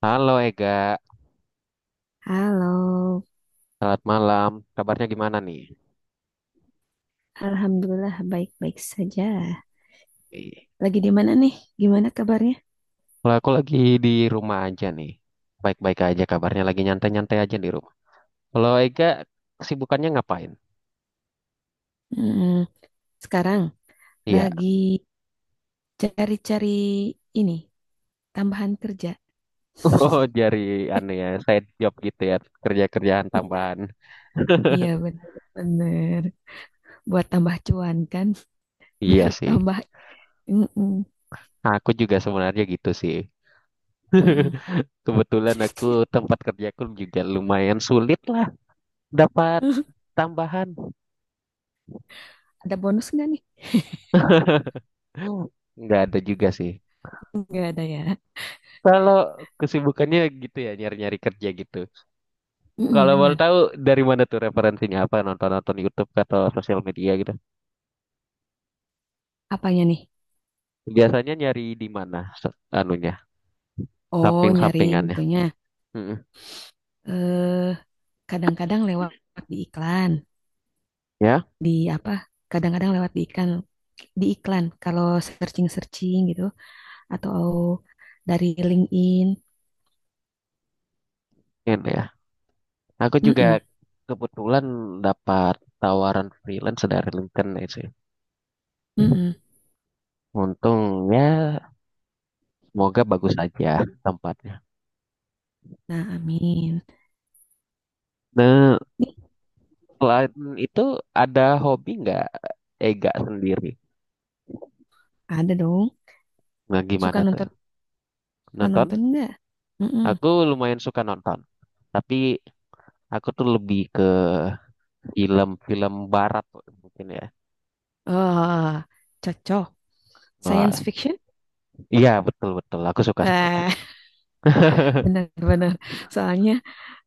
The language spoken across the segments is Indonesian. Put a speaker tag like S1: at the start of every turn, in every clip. S1: Halo Ega,
S2: Halo,
S1: selamat malam. Kabarnya gimana nih?
S2: Alhamdulillah baik-baik saja.
S1: Ih,
S2: Lagi di mana nih? Gimana kabarnya?
S1: kalau aku lagi di rumah aja nih. Baik-baik aja kabarnya, lagi nyantai-nyantai aja di rumah. Kalau Ega, kesibukannya ngapain?
S2: Hmm, sekarang
S1: Iya.
S2: lagi cari-cari ini, tambahan kerja.
S1: Oh, jadi aneh ya, side job gitu ya, kerja-kerjaan
S2: Iya,
S1: tambahan.
S2: iya benar-benar. Buat tambah cuan kan,
S1: Iya
S2: biar
S1: sih.
S2: tambah. Mm-mm,
S1: Aku juga sebenarnya gitu sih.
S2: mm-mm.
S1: Kebetulan aku tempat kerjaku juga lumayan sulit lah dapat tambahan.
S2: Ada bonus nggak nih?
S1: Nggak ada juga sih.
S2: Nggak ada ya.
S1: Kalau kesibukannya gitu ya, nyari-nyari kerja gitu.
S2: Mm-mm,
S1: Kalau mau
S2: bener.
S1: tahu dari mana tuh referensinya apa nonton-nonton YouTube atau sosial media gitu.
S2: Apanya nih?
S1: Biasanya nyari di mana anunya,
S2: Oh, nyari
S1: samping-sampingannya.
S2: itunya.
S1: Mm-mm.
S2: Eh, kadang-kadang lewat di iklan.
S1: Ya,
S2: Di apa Kadang-kadang lewat di iklan kalau searching searching gitu, atau dari LinkedIn.
S1: ini ya. Aku juga
S2: Mm-mm,
S1: kebetulan dapat tawaran freelance dari LinkedIn ya sih.
S2: mm-mm.
S1: Untung ya, semoga bagus aja tempatnya.
S2: Nah, amin
S1: Nah,
S2: nih.
S1: selain itu ada hobi nggak Ega sendiri?
S2: Ada dong.
S1: Nah,
S2: suka
S1: gimana tuh?
S2: nonton suka
S1: Nonton?
S2: nonton nggak? Mm.
S1: Aku lumayan suka nonton. Tapi aku tuh lebih ke film-film barat mungkin ya.
S2: Oh, cocok. Science
S1: Wah,
S2: fiction.
S1: iya betul betul. Aku suka suka.
S2: Eh, benar-benar. Soalnya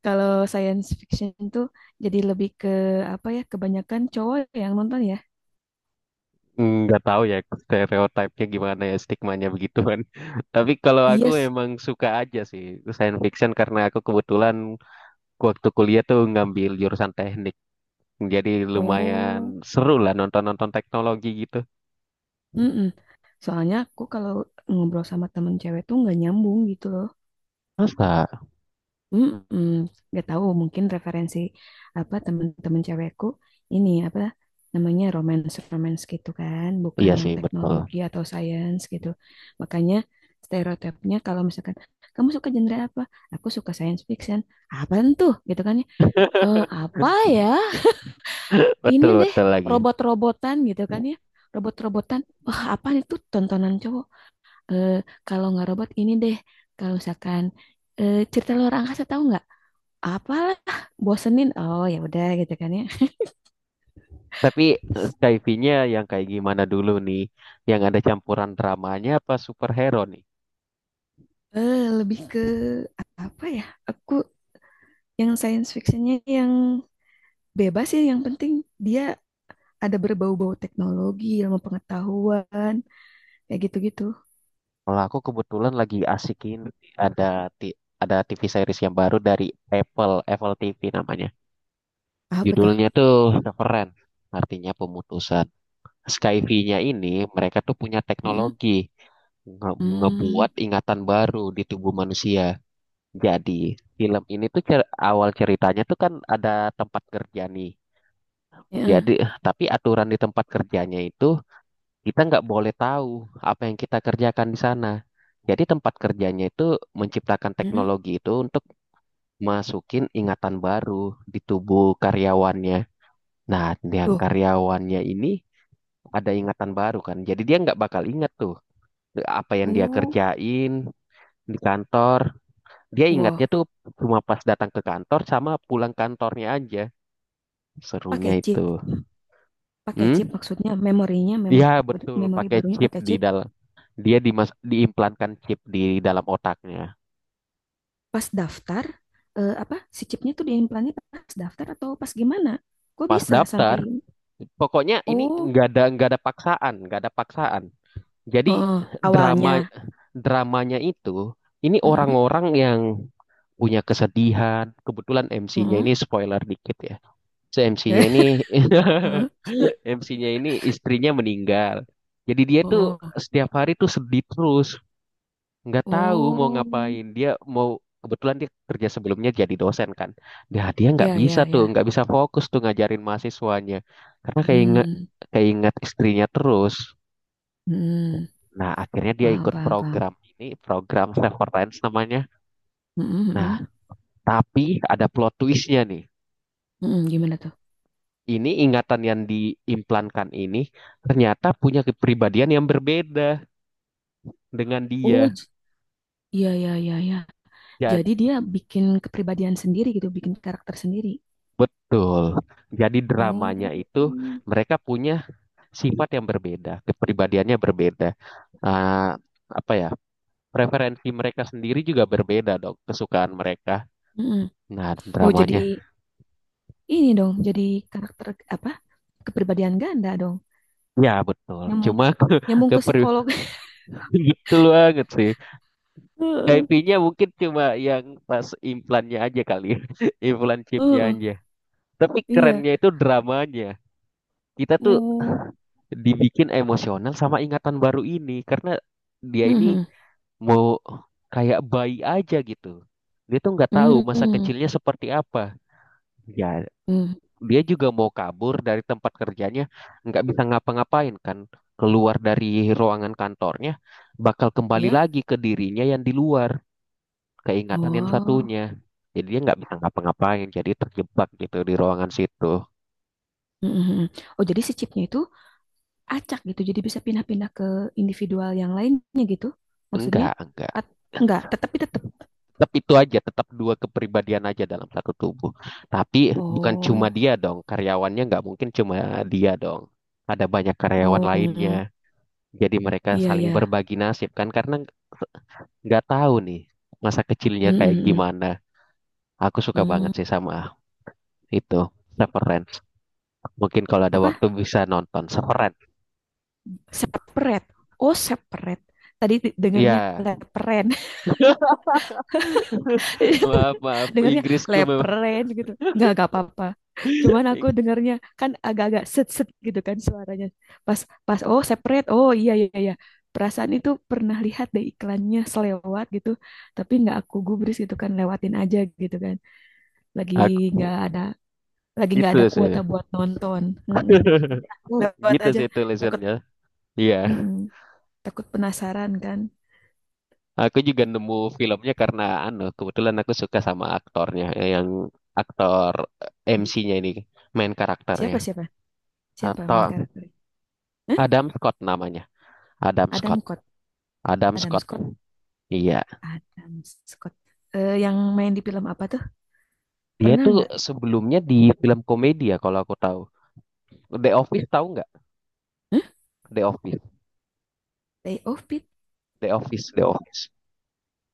S2: kalau science fiction tuh jadi lebih ke apa ya, kebanyakan cowok yang nonton ya.
S1: Nggak tahu ya stereotipnya gimana ya stigmanya begitu kan. Tapi kalau aku
S2: Yes.
S1: emang suka aja sih science fiction karena aku kebetulan waktu kuliah tuh ngambil jurusan teknik. Jadi lumayan
S2: Oh.
S1: seru lah nonton-nonton teknologi gitu.
S2: Mm-mm. Soalnya aku kalau ngobrol sama temen cewek tuh nggak nyambung gitu loh.
S1: Masa?
S2: Mm-mm. Nggak tahu, mungkin referensi apa temen-temen cewekku ini apa namanya romance romance gitu kan, bukan
S1: Iya
S2: yang
S1: sih betul.
S2: teknologi atau science gitu. Makanya stereotipnya kalau misalkan kamu suka genre apa? Aku suka science fiction. Apaan tuh? Gitu kan ya. Eh, apa ya? Ini
S1: Betul
S2: deh,
S1: betul lagi.
S2: robot-robotan gitu kan ya. Robot-robotan. Wah, apaan itu tontonan cowok? Eh, kalau nggak robot ini deh, kalau misalkan eh, cerita luar angkasa tahu nggak? Apalah, bosenin. Oh ya udah gitu kan ya.
S1: Tapi sci-fi-nya yang kayak gimana dulu nih? Yang ada campuran dramanya apa superhero nih?
S2: Eh, lebih ke apa ya? Aku yang science fictionnya yang bebas ya, yang penting dia ada berbau-bau teknologi, ilmu pengetahuan, kayak gitu-gitu.
S1: Kalau aku kebetulan lagi asikin ada ti- ada TV series yang baru dari Apple TV namanya.
S2: Apa tuh?
S1: Judulnya tuh Severance, artinya pemutusan. Skyview-nya ini mereka tuh punya
S2: Mm
S1: teknologi
S2: -mm.
S1: ngebuat ingatan baru di tubuh manusia. Jadi film ini tuh awal ceritanya tuh kan ada tempat kerja nih.
S2: Ya,
S1: Jadi tapi aturan di tempat kerjanya itu kita nggak boleh tahu apa yang kita kerjakan di sana. Jadi tempat kerjanya itu menciptakan
S2: mm.
S1: teknologi itu untuk masukin ingatan baru di tubuh karyawannya. Nah, yang
S2: Tuh,
S1: karyawannya ini ada ingatan baru kan. Jadi dia nggak bakal ingat tuh apa yang dia
S2: uh,
S1: kerjain di kantor. Dia ingatnya
S2: wah,
S1: tuh cuma pas datang ke kantor sama pulang kantornya aja. Serunya
S2: pakai
S1: itu.
S2: chip, pakai chip
S1: Hmm?
S2: maksudnya memorinya,
S1: Ya,
S2: memori,
S1: betul.
S2: memori
S1: Pakai
S2: barunya
S1: chip
S2: pakai
S1: di
S2: chip.
S1: dalam. Dia diimplankan chip di dalam otaknya.
S2: Pas daftar eh, apa si chipnya tuh diimplannya pas daftar atau pas gimana? Gue
S1: Pas
S2: bisa sampai
S1: daftar pokoknya ini
S2: oh.
S1: nggak ada paksaan nggak ada paksaan, jadi
S2: Heeh, awalnya.
S1: drama dramanya itu ini
S2: Heeh,
S1: orang-orang yang punya kesedihan, kebetulan MC-nya
S2: heeh,
S1: ini spoiler dikit ya, so MC-nya ini
S2: heeh,
S1: MC-nya ini istrinya meninggal. Jadi dia tuh
S2: oh,
S1: setiap hari tuh sedih terus, nggak tahu mau
S2: oh
S1: ngapain dia mau. Kebetulan dia kerja sebelumnya jadi dosen kan, nah dia nggak
S2: ya
S1: bisa
S2: ya
S1: tuh
S2: ya,
S1: nggak bisa fokus tuh ngajarin mahasiswanya karena keinget
S2: hmm,
S1: keinget istrinya terus.
S2: hmm,
S1: Nah akhirnya dia
S2: paham
S1: ikut
S2: paham paham.
S1: program ini, program Severance namanya.
S2: Heeh,
S1: Nah
S2: heeh,
S1: tapi ada plot twistnya nih,
S2: heeh, gimana tuh?
S1: ini ingatan yang diimplankan ini ternyata punya kepribadian yang berbeda dengan
S2: Oh,
S1: dia.
S2: ya ya iya ya.
S1: Jadi
S2: Jadi dia bikin kepribadian sendiri, gitu, bikin karakter sendiri.
S1: betul, jadi dramanya
S2: Oh,
S1: itu
S2: mm.
S1: mereka punya sifat yang berbeda, kepribadiannya berbeda. Ah, apa ya? Preferensi mereka sendiri juga berbeda dong, kesukaan mereka. Nah,
S2: Oh,
S1: dramanya.
S2: jadi ini dong, jadi karakter apa, kepribadian ganda dong.
S1: Ya, betul.
S2: Nyambung
S1: Cuma
S2: nyambung
S1: ke
S2: ke
S1: per-
S2: psikolog.
S1: gitu banget sih.
S2: Heeh,
S1: IP-nya mungkin cuma yang pas implannya aja kali. ya. Implan chipnya
S2: heeh,
S1: aja. Tapi
S2: iya,
S1: kerennya itu dramanya. Kita tuh
S2: oh.
S1: dibikin emosional sama ingatan baru ini karena dia ini
S2: Mhm.
S1: mau kayak bayi aja gitu. Dia tuh nggak tahu masa
S2: Mhm.
S1: kecilnya seperti apa. Ya,
S2: Mhm.
S1: dia juga mau kabur dari tempat kerjanya, nggak bisa ngapa-ngapain kan. Keluar dari ruangan kantornya, bakal kembali
S2: Iya,
S1: lagi ke dirinya yang di luar, keingatan yang
S2: oh.
S1: satunya. Jadi dia nggak bisa ngapa-ngapain, jadi terjebak gitu di ruangan situ.
S2: Mhm. Oh, jadi si chipnya itu acak gitu jadi bisa pindah-pindah ke individual yang lainnya gitu, maksudnya.
S1: Enggak, enggak.
S2: At- enggak, tetapi tetap.
S1: Tetap itu aja, tetap dua kepribadian aja dalam satu tubuh. Tapi bukan cuma
S2: Oh,
S1: dia dong, karyawannya nggak mungkin cuma dia dong. Ada banyak karyawan
S2: oh,
S1: lainnya. Jadi mereka
S2: iya
S1: saling
S2: ya.
S1: berbagi nasib kan karena nggak tahu nih masa kecilnya kayak gimana. Aku suka banget sih sama itu. Severance. Mungkin kalau ada
S2: Apa,
S1: waktu bisa nonton Severance.
S2: separate. Oh, separate. Tadi dengarnya
S1: Ya,
S2: leperen.
S1: maaf maaf
S2: Dengarnya
S1: Inggrisku memang.
S2: lepren gitu, nggak apa-apa, cuman aku
S1: Ing-
S2: dengarnya kan agak-agak set set gitu kan suaranya. Pas, pas, oh separate, oh iya iya iya. Perasaan itu pernah lihat deh iklannya selewat gitu, tapi nggak aku gubris, gitu kan, lewatin aja gitu kan. lagi nggak
S1: Aku
S2: ada lagi nggak
S1: itu
S2: ada
S1: sih.
S2: kuota buat nonton. Mm-mm. Jadi, lewat
S1: Gitu
S2: aja,
S1: sih
S2: takut.
S1: tulisannya. Iya.
S2: Mm-mm. Takut penasaran kan.
S1: Aku juga nemu filmnya karena anu, kebetulan aku suka sama aktornya, yang aktor MC-nya ini main karakternya
S2: Siapa siapa siapa main
S1: atau
S2: karakter? Hah?
S1: Adam Scott namanya. Adam
S2: Adam
S1: Scott,
S2: Scott,
S1: Adam
S2: Adam
S1: Scott,
S2: Scott,
S1: iya.
S2: Adam Scott. Eh, yang main di film apa tuh?
S1: Dia
S2: Pernah
S1: tuh
S2: nggak?
S1: sebelumnya di film komedi ya kalau aku tahu, The Office tahu nggak,
S2: Hah?
S1: The Office,
S2: Day of Pit?
S1: The Office, The Office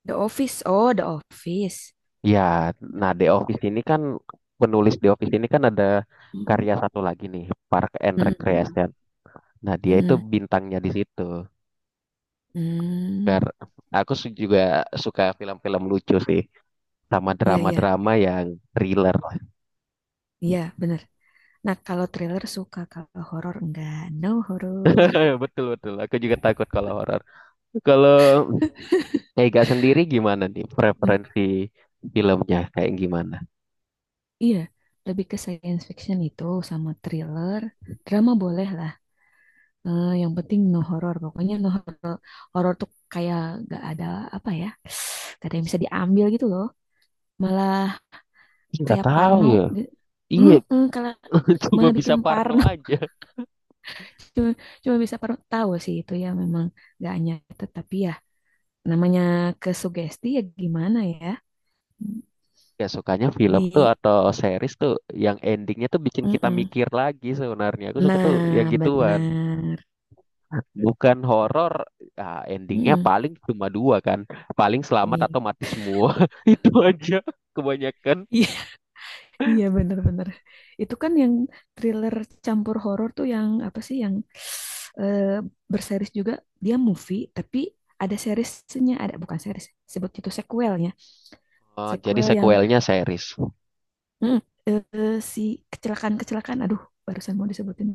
S2: The Office. Oh, The Office.
S1: ya. Nah The Office ini kan, penulis The Office ini kan ada
S2: Mhm.
S1: karya satu lagi nih, Park and
S2: Mm-mm.
S1: Recreation. Nah dia itu
S2: Mm-mm.
S1: bintangnya di situ.
S2: Mm.
S1: Kar- juga suka film-film lucu sih, sama
S2: Iya, iya.
S1: drama-drama yang thriller.
S2: Iya, bener. Nah, kalau thriller suka, kalau horor enggak. No horor.
S1: Betul betul. Aku juga takut kalau horor. Kalau Ega sendiri gimana nih
S2: Mm,
S1: preferensi filmnya kayak gimana?
S2: iya, lebih ke science fiction itu sama thriller. Drama boleh lah. Eh, yang penting no horor. Pokoknya no horor. Horor tuh kayak gak ada apa ya. Gak ada yang bisa diambil gitu loh. Malah
S1: Nggak
S2: kayak
S1: tahu
S2: Parno
S1: ya.
S2: gitu.
S1: Iya,
S2: Mm-mm, kalau
S1: cuma
S2: malah
S1: bisa
S2: bikin
S1: Parno
S2: Parno
S1: aja.
S2: cuma, cuma bisa Parno, tahu sih itu ya, memang gak nyata, tapi ya namanya kesugesti, ya gimana ya,
S1: Ya sukanya film tuh
S2: jadi
S1: atau series tuh yang endingnya tuh bikin kita
S2: mm-mm.
S1: mikir lagi sebenarnya. Aku suka tuh yang
S2: Nah,
S1: gituan.
S2: benar.
S1: Bukan horor, ah, endingnya
S2: Mm-mm.
S1: paling cuma dua kan. Paling selamat
S2: Iya,
S1: atau mati semua. Itu aja kebanyakan.
S2: iya. Iya, benar-benar. Itu kan yang thriller campur horor tuh, yang apa sih yang eh, berseris juga, dia movie tapi ada seriesnya, ada, bukan series, sebut itu sequelnya.
S1: Jadi
S2: Sequel yang
S1: sequelnya series.
S2: mm, eh, si kecelakaan-kecelakaan, aduh, barusan mau disebutin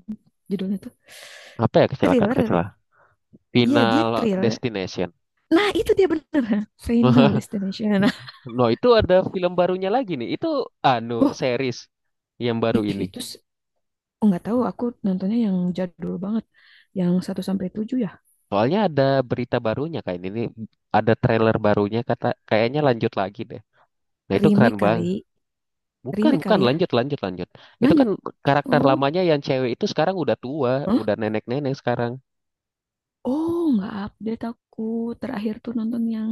S2: judulnya tuh,
S1: Apa ya, kecelakaan
S2: thriller deh.
S1: kecelakaan?
S2: Iya, dia
S1: Final
S2: thriller.
S1: Destination.
S2: Nah, itu dia bener. Final Destination. Nah,
S1: No, itu ada film barunya lagi nih. Itu anu
S2: wah,
S1: series yang baru
S2: ih,
S1: ini.
S2: itu nggak tahu. Aku nontonnya yang jadul banget, yang satu sampai 7 ya.
S1: Soalnya ada berita barunya kayak ini. Ada trailer barunya kata kayaknya lanjut lagi deh. Nah, itu
S2: Remake
S1: keren banget.
S2: kali,
S1: Bukan,
S2: remake
S1: bukan.
S2: kali ya.
S1: Lanjut, lanjut, lanjut. Itu kan
S2: Lanjut.
S1: karakter
S2: Oh,
S1: lamanya yang cewek itu sekarang udah tua,
S2: hah?
S1: udah nenek-nenek sekarang.
S2: Oh, nggak update aku. Terakhir tuh nonton yang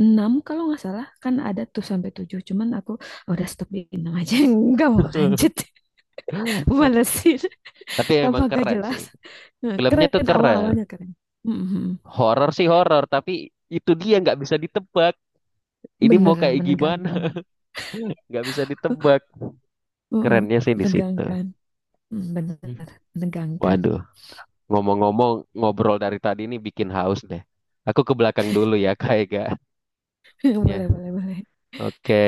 S2: 6 kalau nggak salah. Kan ada tuh sampai 7, cuman aku, "Oh, udah stop di 6 aja. Nggak mau lanjut." Malesin.
S1: Tapi emang
S2: Tambah gak
S1: keren sih.
S2: jelas. Nah,
S1: Filmnya tuh
S2: keren
S1: keren.
S2: awal-awalnya keren. Mhm.
S1: Horor sih horor, tapi itu dia nggak bisa ditebak. Ini mau
S2: Bener
S1: kayak gimana?
S2: menegangkan.
S1: Nggak bisa ditebak.
S2: uh
S1: Kerennya sih di situ.
S2: Menegangkan. Mm, bener
S1: Hmm.
S2: menegangkan.
S1: Waduh, ngomong-ngomong ngobrol dari tadi ini bikin haus deh. Aku ke belakang dulu ya, kayaknya.
S2: Boleh boleh boleh.
S1: Oke,